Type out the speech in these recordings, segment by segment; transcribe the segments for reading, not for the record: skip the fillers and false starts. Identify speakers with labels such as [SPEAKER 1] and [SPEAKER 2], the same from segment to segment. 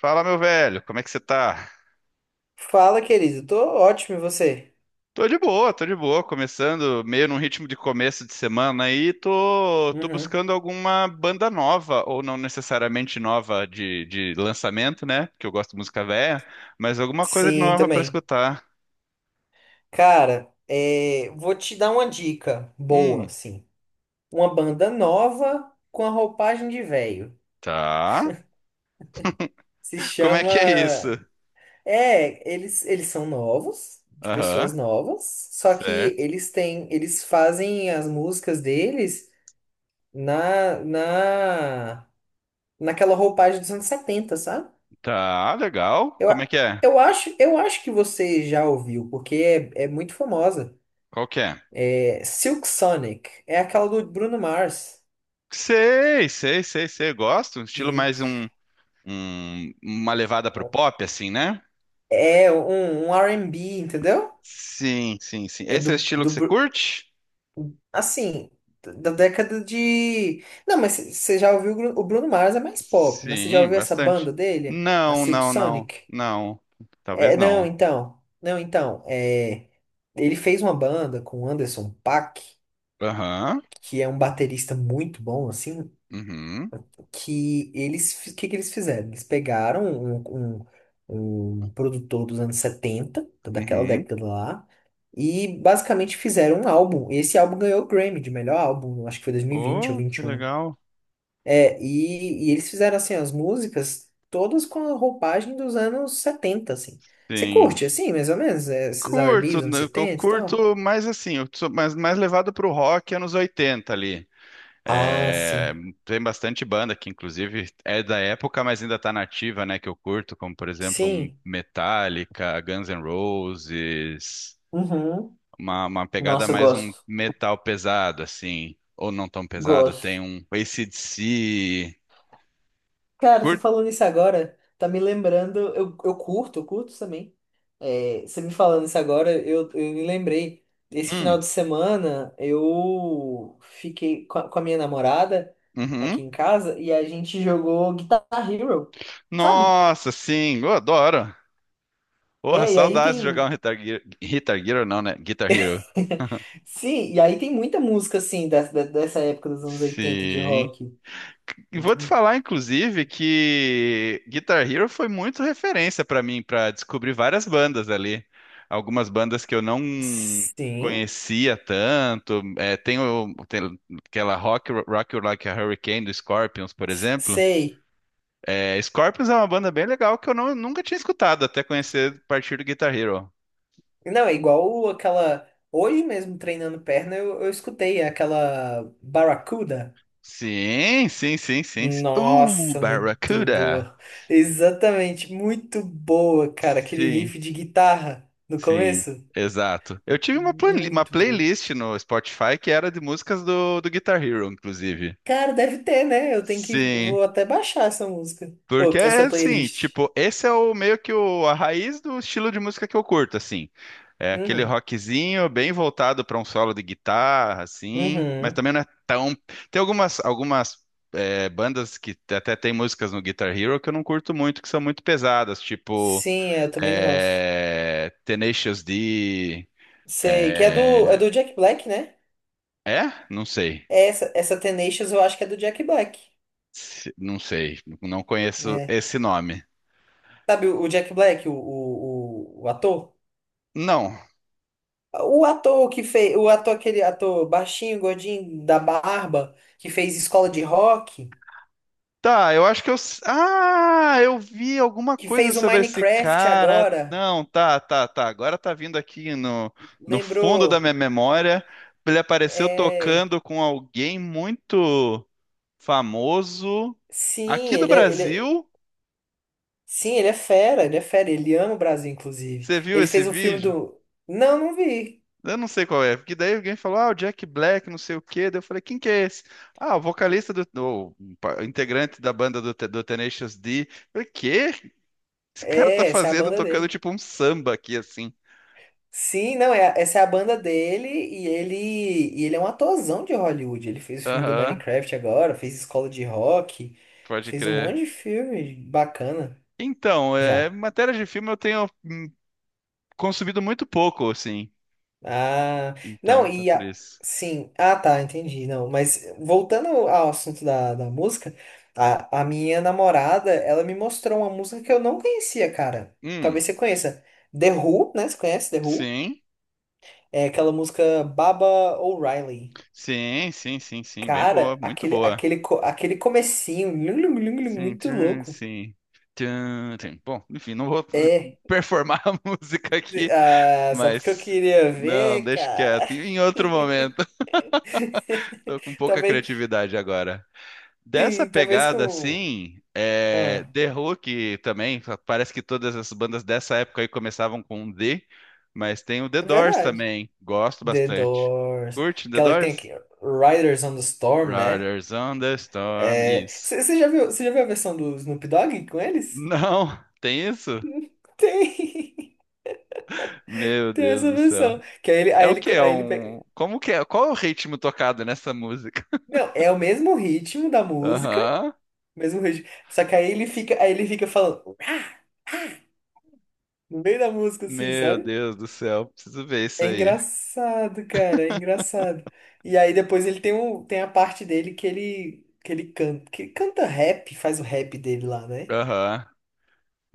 [SPEAKER 1] Fala, meu velho, como é que você tá?
[SPEAKER 2] Fala, querido. Tô ótimo, e você?
[SPEAKER 1] Tô de boa, começando meio num ritmo de começo de semana aí, tô
[SPEAKER 2] Uhum.
[SPEAKER 1] buscando alguma banda nova, ou não necessariamente nova de lançamento, né? Porque eu gosto de música velha, mas alguma coisa de
[SPEAKER 2] Sim,
[SPEAKER 1] nova pra
[SPEAKER 2] também.
[SPEAKER 1] escutar.
[SPEAKER 2] Cara, é, vou te dar uma dica boa,
[SPEAKER 1] Hum,
[SPEAKER 2] assim. Uma banda nova com a roupagem de velho.
[SPEAKER 1] tá.
[SPEAKER 2] Se
[SPEAKER 1] Como é que é isso?
[SPEAKER 2] chama. É, eles são novos, de
[SPEAKER 1] Aham,
[SPEAKER 2] pessoas novas, só que
[SPEAKER 1] certo.
[SPEAKER 2] eles fazem as músicas deles na, na, naquela roupagem dos anos 70, sabe?
[SPEAKER 1] Tá, legal.
[SPEAKER 2] Eu,
[SPEAKER 1] Como é
[SPEAKER 2] a-
[SPEAKER 1] que é?
[SPEAKER 2] eu acho que você já ouviu, porque é muito famosa.
[SPEAKER 1] Qual que é?
[SPEAKER 2] Silk Sonic é aquela do Bruno Mars.
[SPEAKER 1] Sei, sei, sei, sei, gosto. Estilo
[SPEAKER 2] Sim.
[SPEAKER 1] mais um, um- Uma levada pro pop, assim, né?
[SPEAKER 2] É um R&B, entendeu?
[SPEAKER 1] Sim, sim, sim.
[SPEAKER 2] É
[SPEAKER 1] Esse
[SPEAKER 2] do,
[SPEAKER 1] é o estilo
[SPEAKER 2] do
[SPEAKER 1] que você
[SPEAKER 2] Bru-
[SPEAKER 1] curte?
[SPEAKER 2] assim, da década de. Não, mas você já ouviu o Bruno Mars é mais pop, mas você já
[SPEAKER 1] Sim,
[SPEAKER 2] ouviu essa
[SPEAKER 1] bastante.
[SPEAKER 2] banda dele? A
[SPEAKER 1] Não,
[SPEAKER 2] Silk
[SPEAKER 1] não, não,
[SPEAKER 2] Sonic?
[SPEAKER 1] não. Talvez
[SPEAKER 2] É, não,
[SPEAKER 1] não.
[SPEAKER 2] então. Não, então. É, ele fez uma banda com o Anderson Paak,
[SPEAKER 1] Aham.
[SPEAKER 2] que é um baterista muito bom, assim.
[SPEAKER 1] Uhum.
[SPEAKER 2] Que que eles fizeram? Eles pegaram um produtor dos anos 70 daquela
[SPEAKER 1] Uhum.
[SPEAKER 2] década lá, e basicamente fizeram um álbum. Esse álbum ganhou o Grammy de melhor álbum, acho que foi 2020 ou
[SPEAKER 1] Oh,
[SPEAKER 2] vinte
[SPEAKER 1] que
[SPEAKER 2] e um
[SPEAKER 1] legal.
[SPEAKER 2] É, e eles fizeram assim as músicas todas com a roupagem dos anos 70 assim. Você
[SPEAKER 1] Sim.
[SPEAKER 2] curte assim, mais ou menos, é, esses R&B
[SPEAKER 1] Curto,
[SPEAKER 2] dos anos
[SPEAKER 1] né, eu
[SPEAKER 2] 70 e tal?
[SPEAKER 1] curto mais assim, eu sou mais, mais levado pro rock anos 80 ali.
[SPEAKER 2] Ah,
[SPEAKER 1] É,
[SPEAKER 2] sim.
[SPEAKER 1] tem bastante banda que, inclusive, é da época, mas ainda tá nativa, né? Que eu curto, como por exemplo, um
[SPEAKER 2] Sim.
[SPEAKER 1] Metallica, Guns N' Roses.
[SPEAKER 2] Uhum.
[SPEAKER 1] Uma pegada
[SPEAKER 2] Nossa, eu
[SPEAKER 1] mais um
[SPEAKER 2] gosto.
[SPEAKER 1] metal pesado, assim, ou não tão pesado, tem
[SPEAKER 2] Gosto.
[SPEAKER 1] um AC/DC.
[SPEAKER 2] Cara, você
[SPEAKER 1] Curto.
[SPEAKER 2] falando isso agora, tá me lembrando. Eu curto, eu curto também. É, você me falando isso agora, eu me lembrei. Esse final
[SPEAKER 1] Hum,
[SPEAKER 2] de semana, eu fiquei com a minha namorada aqui
[SPEAKER 1] uhum.
[SPEAKER 2] em casa e a gente jogou Guitar Hero, sabe?
[SPEAKER 1] Nossa, sim, eu adoro. Porra,
[SPEAKER 2] É, e aí
[SPEAKER 1] saudades de jogar
[SPEAKER 2] tem.
[SPEAKER 1] um Guitar Hero. Guitar Hero não, né? Guitar Hero.
[SPEAKER 2] Sim, e aí tem muita música, assim, dessa época dos anos oitenta de
[SPEAKER 1] Sim.
[SPEAKER 2] rock.
[SPEAKER 1] E vou te falar, inclusive, que Guitar Hero foi muito referência para mim, para descobrir várias bandas ali. Algumas bandas que eu não
[SPEAKER 2] Sim,
[SPEAKER 1] conhecia tanto. É, tem, tem aquela Rock You Like a Hurricane do Scorpions, por exemplo.
[SPEAKER 2] sei.
[SPEAKER 1] É, Scorpions é uma banda bem legal que eu nunca tinha escutado até conhecer a partir do Guitar Hero.
[SPEAKER 2] Não, é igual aquela. Hoje mesmo treinando perna, eu escutei aquela Barracuda.
[SPEAKER 1] Sim, sim, sim, sim, sim.
[SPEAKER 2] Nossa, muito
[SPEAKER 1] Barracuda!
[SPEAKER 2] boa. Exatamente, muito boa, cara. Aquele
[SPEAKER 1] Sim.
[SPEAKER 2] riff de guitarra no
[SPEAKER 1] Sim,
[SPEAKER 2] começo.
[SPEAKER 1] exato. Eu tive uma
[SPEAKER 2] Muito boa.
[SPEAKER 1] playlist no Spotify que era de músicas do Guitar Hero, inclusive.
[SPEAKER 2] Cara, deve ter, né? Eu tenho que.
[SPEAKER 1] Sim,
[SPEAKER 2] Vou até baixar essa música. Ou
[SPEAKER 1] porque é
[SPEAKER 2] essa
[SPEAKER 1] assim,
[SPEAKER 2] playlist.
[SPEAKER 1] tipo, esse é o meio que a raiz do estilo de música que eu curto, assim. É aquele
[SPEAKER 2] Uhum.
[SPEAKER 1] rockzinho bem voltado para um solo de guitarra, assim, mas
[SPEAKER 2] Uhum.
[SPEAKER 1] também não é tão. Tem algumas bandas que até tem músicas no Guitar Hero que eu não curto muito, que são muito pesadas, tipo
[SPEAKER 2] Sim, é, eu também não gosto.
[SPEAKER 1] é, Tenacious D.
[SPEAKER 2] Sei, que é do, é
[SPEAKER 1] É.
[SPEAKER 2] do Jack Black, né?
[SPEAKER 1] É? Não sei.
[SPEAKER 2] Essa Tenacious eu acho que é do Jack Black.
[SPEAKER 1] Não sei. Não conheço
[SPEAKER 2] É.
[SPEAKER 1] esse nome.
[SPEAKER 2] Sabe o Jack Black, o ator?
[SPEAKER 1] Não.
[SPEAKER 2] Aquele ator baixinho, gordinho, da barba, que fez Escola de Rock,
[SPEAKER 1] Tá, eu acho que eu. S- Ah, eu vi alguma
[SPEAKER 2] que
[SPEAKER 1] coisa
[SPEAKER 2] fez o
[SPEAKER 1] sobre esse
[SPEAKER 2] Minecraft
[SPEAKER 1] cara.
[SPEAKER 2] agora,
[SPEAKER 1] Não, tá, tá, tá. Agora tá vindo aqui no fundo da
[SPEAKER 2] lembrou?
[SPEAKER 1] minha memória. Ele apareceu
[SPEAKER 2] É,
[SPEAKER 1] tocando com alguém muito famoso
[SPEAKER 2] sim,
[SPEAKER 1] aqui do Brasil.
[SPEAKER 2] sim, ele é fera, ele é fera, ele ama o Brasil, inclusive.
[SPEAKER 1] Você viu
[SPEAKER 2] Ele
[SPEAKER 1] esse
[SPEAKER 2] fez um filme
[SPEAKER 1] vídeo?
[SPEAKER 2] do... Não, não vi.
[SPEAKER 1] Eu não sei qual é, porque daí alguém falou, ah, o Jack Black, não sei o quê. Daí eu falei, quem que é esse? Ah, o vocalista do, integrante da banda do do Tenacious D. Eu falei, quê? O que esse cara tá
[SPEAKER 2] É, essa é a
[SPEAKER 1] fazendo,
[SPEAKER 2] banda
[SPEAKER 1] tocando
[SPEAKER 2] dele.
[SPEAKER 1] tipo um samba aqui, assim.
[SPEAKER 2] Sim, não, é, essa é a banda dele e e ele é um atorzão de Hollywood. Ele fez o filme do
[SPEAKER 1] Aham,
[SPEAKER 2] Minecraft agora, fez Escola de Rock,
[SPEAKER 1] pode
[SPEAKER 2] fez um
[SPEAKER 1] crer.
[SPEAKER 2] monte de filme bacana
[SPEAKER 1] Então, é,
[SPEAKER 2] já.
[SPEAKER 1] matéria de filme eu tenho consumido muito pouco, assim.
[SPEAKER 2] Ah, não,
[SPEAKER 1] Então, tá por isso.
[SPEAKER 2] sim, ah tá, entendi. Não, mas voltando ao assunto da música, a minha namorada, ela me mostrou uma música que eu não conhecia, cara.
[SPEAKER 1] Hum,
[SPEAKER 2] Talvez você conheça. The Who, né? Você conhece The Who?
[SPEAKER 1] sim,
[SPEAKER 2] É aquela música Baba O'Reilly.
[SPEAKER 1] sim, sim, sim, sim, bem boa,
[SPEAKER 2] Cara,
[SPEAKER 1] muito
[SPEAKER 2] aquele,
[SPEAKER 1] boa.
[SPEAKER 2] aquele, co- aquele comecinho, lum, lum, lum, lum, muito louco.
[SPEAKER 1] Sim. Tchan, tchan. Bom, enfim, não vou
[SPEAKER 2] É,
[SPEAKER 1] performar a música aqui,
[SPEAKER 2] ah, só porque eu
[SPEAKER 1] mas
[SPEAKER 2] queria
[SPEAKER 1] não,
[SPEAKER 2] ver,
[SPEAKER 1] deixa
[SPEAKER 2] cara.
[SPEAKER 1] quieto. Em outro momento, tô com pouca
[SPEAKER 2] Talvez,
[SPEAKER 1] criatividade agora. Dessa
[SPEAKER 2] sim, talvez
[SPEAKER 1] pegada,
[SPEAKER 2] com...
[SPEAKER 1] assim, é,
[SPEAKER 2] Ah,
[SPEAKER 1] The Hook também, parece que todas as bandas dessa época aí começavam com um D, mas tem o The
[SPEAKER 2] é
[SPEAKER 1] Doors
[SPEAKER 2] verdade.
[SPEAKER 1] também, gosto
[SPEAKER 2] The
[SPEAKER 1] bastante.
[SPEAKER 2] Doors.
[SPEAKER 1] Curte The
[SPEAKER 2] Aquela que tem
[SPEAKER 1] Doors?
[SPEAKER 2] aqui, Riders on the Storm, né?
[SPEAKER 1] Riders on the Storm,
[SPEAKER 2] É,
[SPEAKER 1] isso.
[SPEAKER 2] você já viu a versão do Snoop Dogg com eles?
[SPEAKER 1] Não, tem isso?
[SPEAKER 2] Tem,
[SPEAKER 1] Meu
[SPEAKER 2] tem
[SPEAKER 1] Deus
[SPEAKER 2] essa
[SPEAKER 1] do céu.
[SPEAKER 2] versão. Que aí ele,
[SPEAKER 1] É
[SPEAKER 2] aí
[SPEAKER 1] o
[SPEAKER 2] ele,
[SPEAKER 1] quê?
[SPEAKER 2] co-
[SPEAKER 1] É
[SPEAKER 2] aí ele pega...
[SPEAKER 1] um... Como que é? Qual é o ritmo tocado nessa música?
[SPEAKER 2] Não, é o mesmo ritmo da música.
[SPEAKER 1] Aham.
[SPEAKER 2] Mesmo ritmo. Só que aí ele fica falando "Ah!" no meio da música, assim,
[SPEAKER 1] Meu
[SPEAKER 2] sabe?
[SPEAKER 1] Deus do céu, preciso ver isso
[SPEAKER 2] É
[SPEAKER 1] aí.
[SPEAKER 2] engraçado, cara, é engraçado. E aí depois ele tem, um, tem a parte dele que ele canta, que ele canta, rap, faz o rap dele lá, né?
[SPEAKER 1] Aham.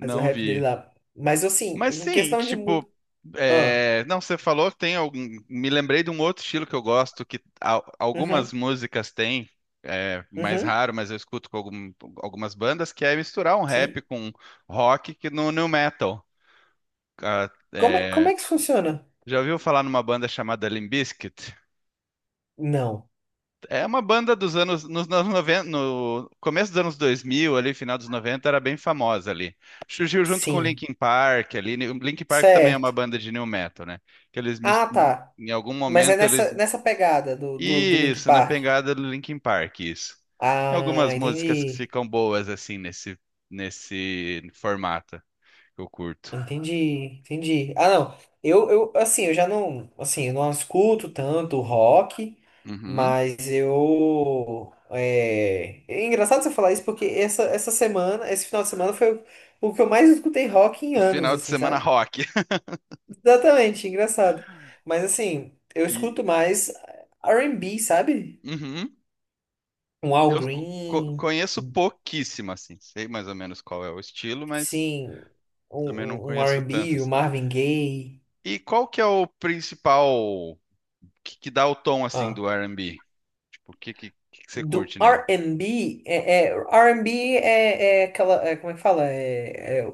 [SPEAKER 2] Faz o rap dele
[SPEAKER 1] vi.
[SPEAKER 2] lá. Mas assim,
[SPEAKER 1] Mas
[SPEAKER 2] em
[SPEAKER 1] sim,
[SPEAKER 2] questão de
[SPEAKER 1] tipo,
[SPEAKER 2] música. Ah,
[SPEAKER 1] é, não, você falou que tem algum. Me lembrei de um outro estilo que eu gosto, que algumas
[SPEAKER 2] uhum,
[SPEAKER 1] músicas têm, é mais
[SPEAKER 2] uhum,
[SPEAKER 1] raro, mas eu escuto com algumas bandas, que é misturar um rap
[SPEAKER 2] sim.
[SPEAKER 1] com rock que no new metal. Ah,
[SPEAKER 2] Como é, como
[SPEAKER 1] é.
[SPEAKER 2] é que isso funciona?
[SPEAKER 1] Já ouviu falar numa banda chamada Limp Bizkit?
[SPEAKER 2] Não.
[SPEAKER 1] É uma banda nos anos 90, no começo dos anos 2000, ali, final dos 90, era bem famosa ali. Surgiu junto com
[SPEAKER 2] Sim.
[SPEAKER 1] Linkin Park ali. Linkin Park também é uma
[SPEAKER 2] Certo.
[SPEAKER 1] banda de new metal, né? Que eles mis-
[SPEAKER 2] Ah,
[SPEAKER 1] né,
[SPEAKER 2] tá.
[SPEAKER 1] em algum
[SPEAKER 2] Mas é
[SPEAKER 1] momento
[SPEAKER 2] nessa,
[SPEAKER 1] eles
[SPEAKER 2] nessa pegada do Linkin
[SPEAKER 1] isso, na
[SPEAKER 2] Park.
[SPEAKER 1] pegada do Linkin Park, isso. Tem
[SPEAKER 2] Ah,
[SPEAKER 1] algumas músicas que
[SPEAKER 2] entendi.
[SPEAKER 1] ficam boas assim nesse nesse formato que eu curto.
[SPEAKER 2] Entendi, entendi. Ah, não. Assim, eu já não, assim, eu não escuto tanto rock,
[SPEAKER 1] Uhum.
[SPEAKER 2] mas é engraçado você falar isso porque essa semana, esse final de semana foi o que eu mais escutei rock em
[SPEAKER 1] O
[SPEAKER 2] anos,
[SPEAKER 1] final de
[SPEAKER 2] assim,
[SPEAKER 1] semana
[SPEAKER 2] sabe?
[SPEAKER 1] rock.
[SPEAKER 2] Exatamente, engraçado. Mas, assim, eu escuto
[SPEAKER 1] E
[SPEAKER 2] mais R&B, sabe?
[SPEAKER 1] uhum.
[SPEAKER 2] Um Al
[SPEAKER 1] Eu
[SPEAKER 2] Green,
[SPEAKER 1] conheço pouquíssimo, assim. Sei mais ou menos qual é o estilo, mas
[SPEAKER 2] sim, um,
[SPEAKER 1] também não
[SPEAKER 2] um um
[SPEAKER 1] conheço tanto,
[SPEAKER 2] R&B, o
[SPEAKER 1] assim.
[SPEAKER 2] Marvin Gaye.
[SPEAKER 1] E qual que é o principal que dá o tom, assim,
[SPEAKER 2] Ah,
[SPEAKER 1] do R&B? Tipo, o que você
[SPEAKER 2] do
[SPEAKER 1] curte nele?
[SPEAKER 2] R&B, R&B é aquela, é, como é que fala? É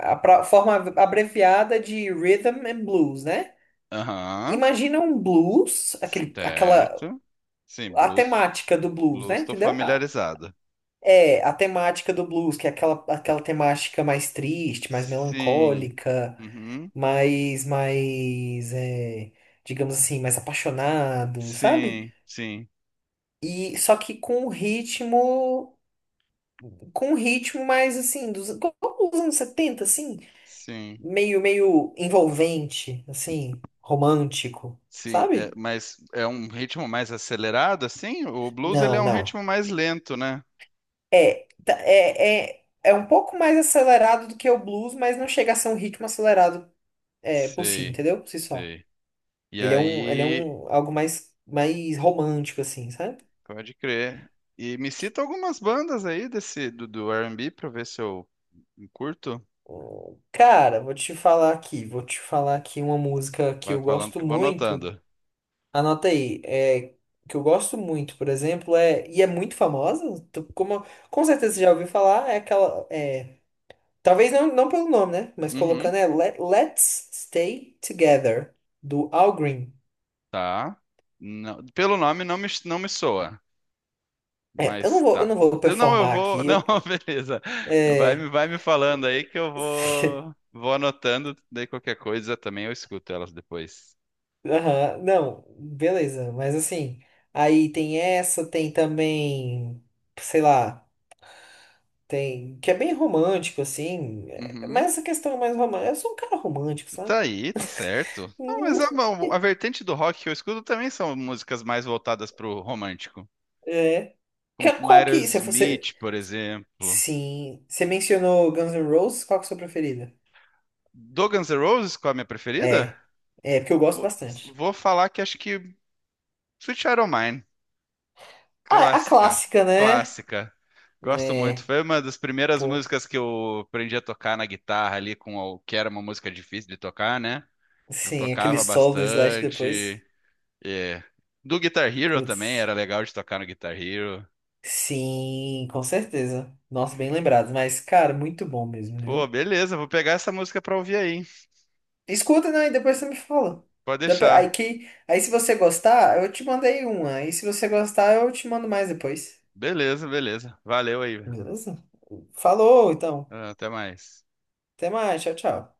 [SPEAKER 2] a forma abreviada de Rhythm and Blues, né?
[SPEAKER 1] Aham,
[SPEAKER 2] Imagina um blues,
[SPEAKER 1] certo. Sim,
[SPEAKER 2] a
[SPEAKER 1] blues.
[SPEAKER 2] temática do blues, né?
[SPEAKER 1] Blues, tô
[SPEAKER 2] Entendeu?
[SPEAKER 1] familiarizado.
[SPEAKER 2] É, a temática do blues, que é aquela temática mais triste, mais
[SPEAKER 1] Sim.
[SPEAKER 2] melancólica,
[SPEAKER 1] Uhum.
[SPEAKER 2] é, digamos assim, mais apaixonado, sabe?
[SPEAKER 1] Sim, sim,
[SPEAKER 2] E só que com um ritmo mais assim, como os anos 70 assim,
[SPEAKER 1] sim.
[SPEAKER 2] meio, meio envolvente, assim, romântico,
[SPEAKER 1] Sim, é,
[SPEAKER 2] sabe?
[SPEAKER 1] mas é um ritmo mais acelerado, assim? O blues, ele é
[SPEAKER 2] Não,
[SPEAKER 1] um
[SPEAKER 2] não.
[SPEAKER 1] ritmo mais lento, né?
[SPEAKER 2] É um pouco mais acelerado do que o blues, mas não chega a ser um ritmo acelerado é, por si,
[SPEAKER 1] Sei,
[SPEAKER 2] entendeu? Por si só.
[SPEAKER 1] sei. E
[SPEAKER 2] Ele é um, ele é
[SPEAKER 1] aí,
[SPEAKER 2] um algo mais, romântico, assim, sabe?
[SPEAKER 1] pode crer. E me cita algumas bandas aí desse do R&B pra eu ver se eu curto.
[SPEAKER 2] Cara, vou te falar aqui uma música que
[SPEAKER 1] Vai
[SPEAKER 2] eu
[SPEAKER 1] falando
[SPEAKER 2] gosto
[SPEAKER 1] que eu vou
[SPEAKER 2] muito.
[SPEAKER 1] anotando.
[SPEAKER 2] Anota aí, é, que eu gosto muito, por exemplo, é, e é muito famosa, como com certeza você já ouviu falar, é aquela, é, talvez não, não pelo nome, né? Mas
[SPEAKER 1] Uhum,
[SPEAKER 2] colocando é Let's Stay Together, do Al Green.
[SPEAKER 1] tá. Pelo nome não me, não me soa,
[SPEAKER 2] É, eu
[SPEAKER 1] mas
[SPEAKER 2] não vou, eu
[SPEAKER 1] tá.
[SPEAKER 2] não vou
[SPEAKER 1] Não, eu
[SPEAKER 2] performar
[SPEAKER 1] vou.
[SPEAKER 2] aqui.
[SPEAKER 1] Não, beleza. Vai,
[SPEAKER 2] É,
[SPEAKER 1] vai me falando aí que eu vou, vou anotando. Daí qualquer coisa também eu escuto elas depois.
[SPEAKER 2] aham, não, beleza, mas assim, aí tem essa, tem também, sei lá, tem, que é bem romântico, assim, é, mas
[SPEAKER 1] Uhum.
[SPEAKER 2] essa questão é mais romântica, eu sou um cara romântico, sabe?
[SPEAKER 1] Tá aí, tá certo. Não,
[SPEAKER 2] Hum.
[SPEAKER 1] mas a vertente do rock que eu escuto também são músicas mais voltadas pro romântico.
[SPEAKER 2] É.
[SPEAKER 1] Como
[SPEAKER 2] Qual que. Se você.
[SPEAKER 1] Aerosmith, por exemplo.
[SPEAKER 2] Sim. Você mencionou Guns N' Roses, qual que é a sua preferida?
[SPEAKER 1] Do Guns N' Roses, qual é a minha preferida?
[SPEAKER 2] É. É, porque eu gosto
[SPEAKER 1] Putz,
[SPEAKER 2] bastante.
[SPEAKER 1] vou falar que acho que Sweet Child O' Mine.
[SPEAKER 2] Ah, é a
[SPEAKER 1] Clássica.
[SPEAKER 2] clássica, né?
[SPEAKER 1] Clássica. Gosto muito.
[SPEAKER 2] Né.
[SPEAKER 1] Foi uma das primeiras
[SPEAKER 2] Pô.
[SPEAKER 1] músicas que eu aprendi a tocar na guitarra ali, com o que era uma música difícil de tocar, né? Eu
[SPEAKER 2] Sim, aquele
[SPEAKER 1] tocava
[SPEAKER 2] solo do Slash depois.
[SPEAKER 1] bastante. É. Do Guitar Hero também,
[SPEAKER 2] Putz.
[SPEAKER 1] era legal de tocar no Guitar Hero.
[SPEAKER 2] Sim, com certeza. Nossa, bem lembrado. Mas, cara, muito bom mesmo,
[SPEAKER 1] Pô,
[SPEAKER 2] viu?
[SPEAKER 1] beleza, vou pegar essa música pra ouvir aí.
[SPEAKER 2] Escuta, né? E depois você me fala.
[SPEAKER 1] Pode
[SPEAKER 2] Aí,
[SPEAKER 1] deixar.
[SPEAKER 2] aí se você gostar, eu te mandei uma. Aí se você gostar, eu te mando mais depois.
[SPEAKER 1] Beleza, beleza. Valeu aí, velho.
[SPEAKER 2] Beleza? Falou, então.
[SPEAKER 1] Ah, até mais.
[SPEAKER 2] Até mais, tchau, tchau.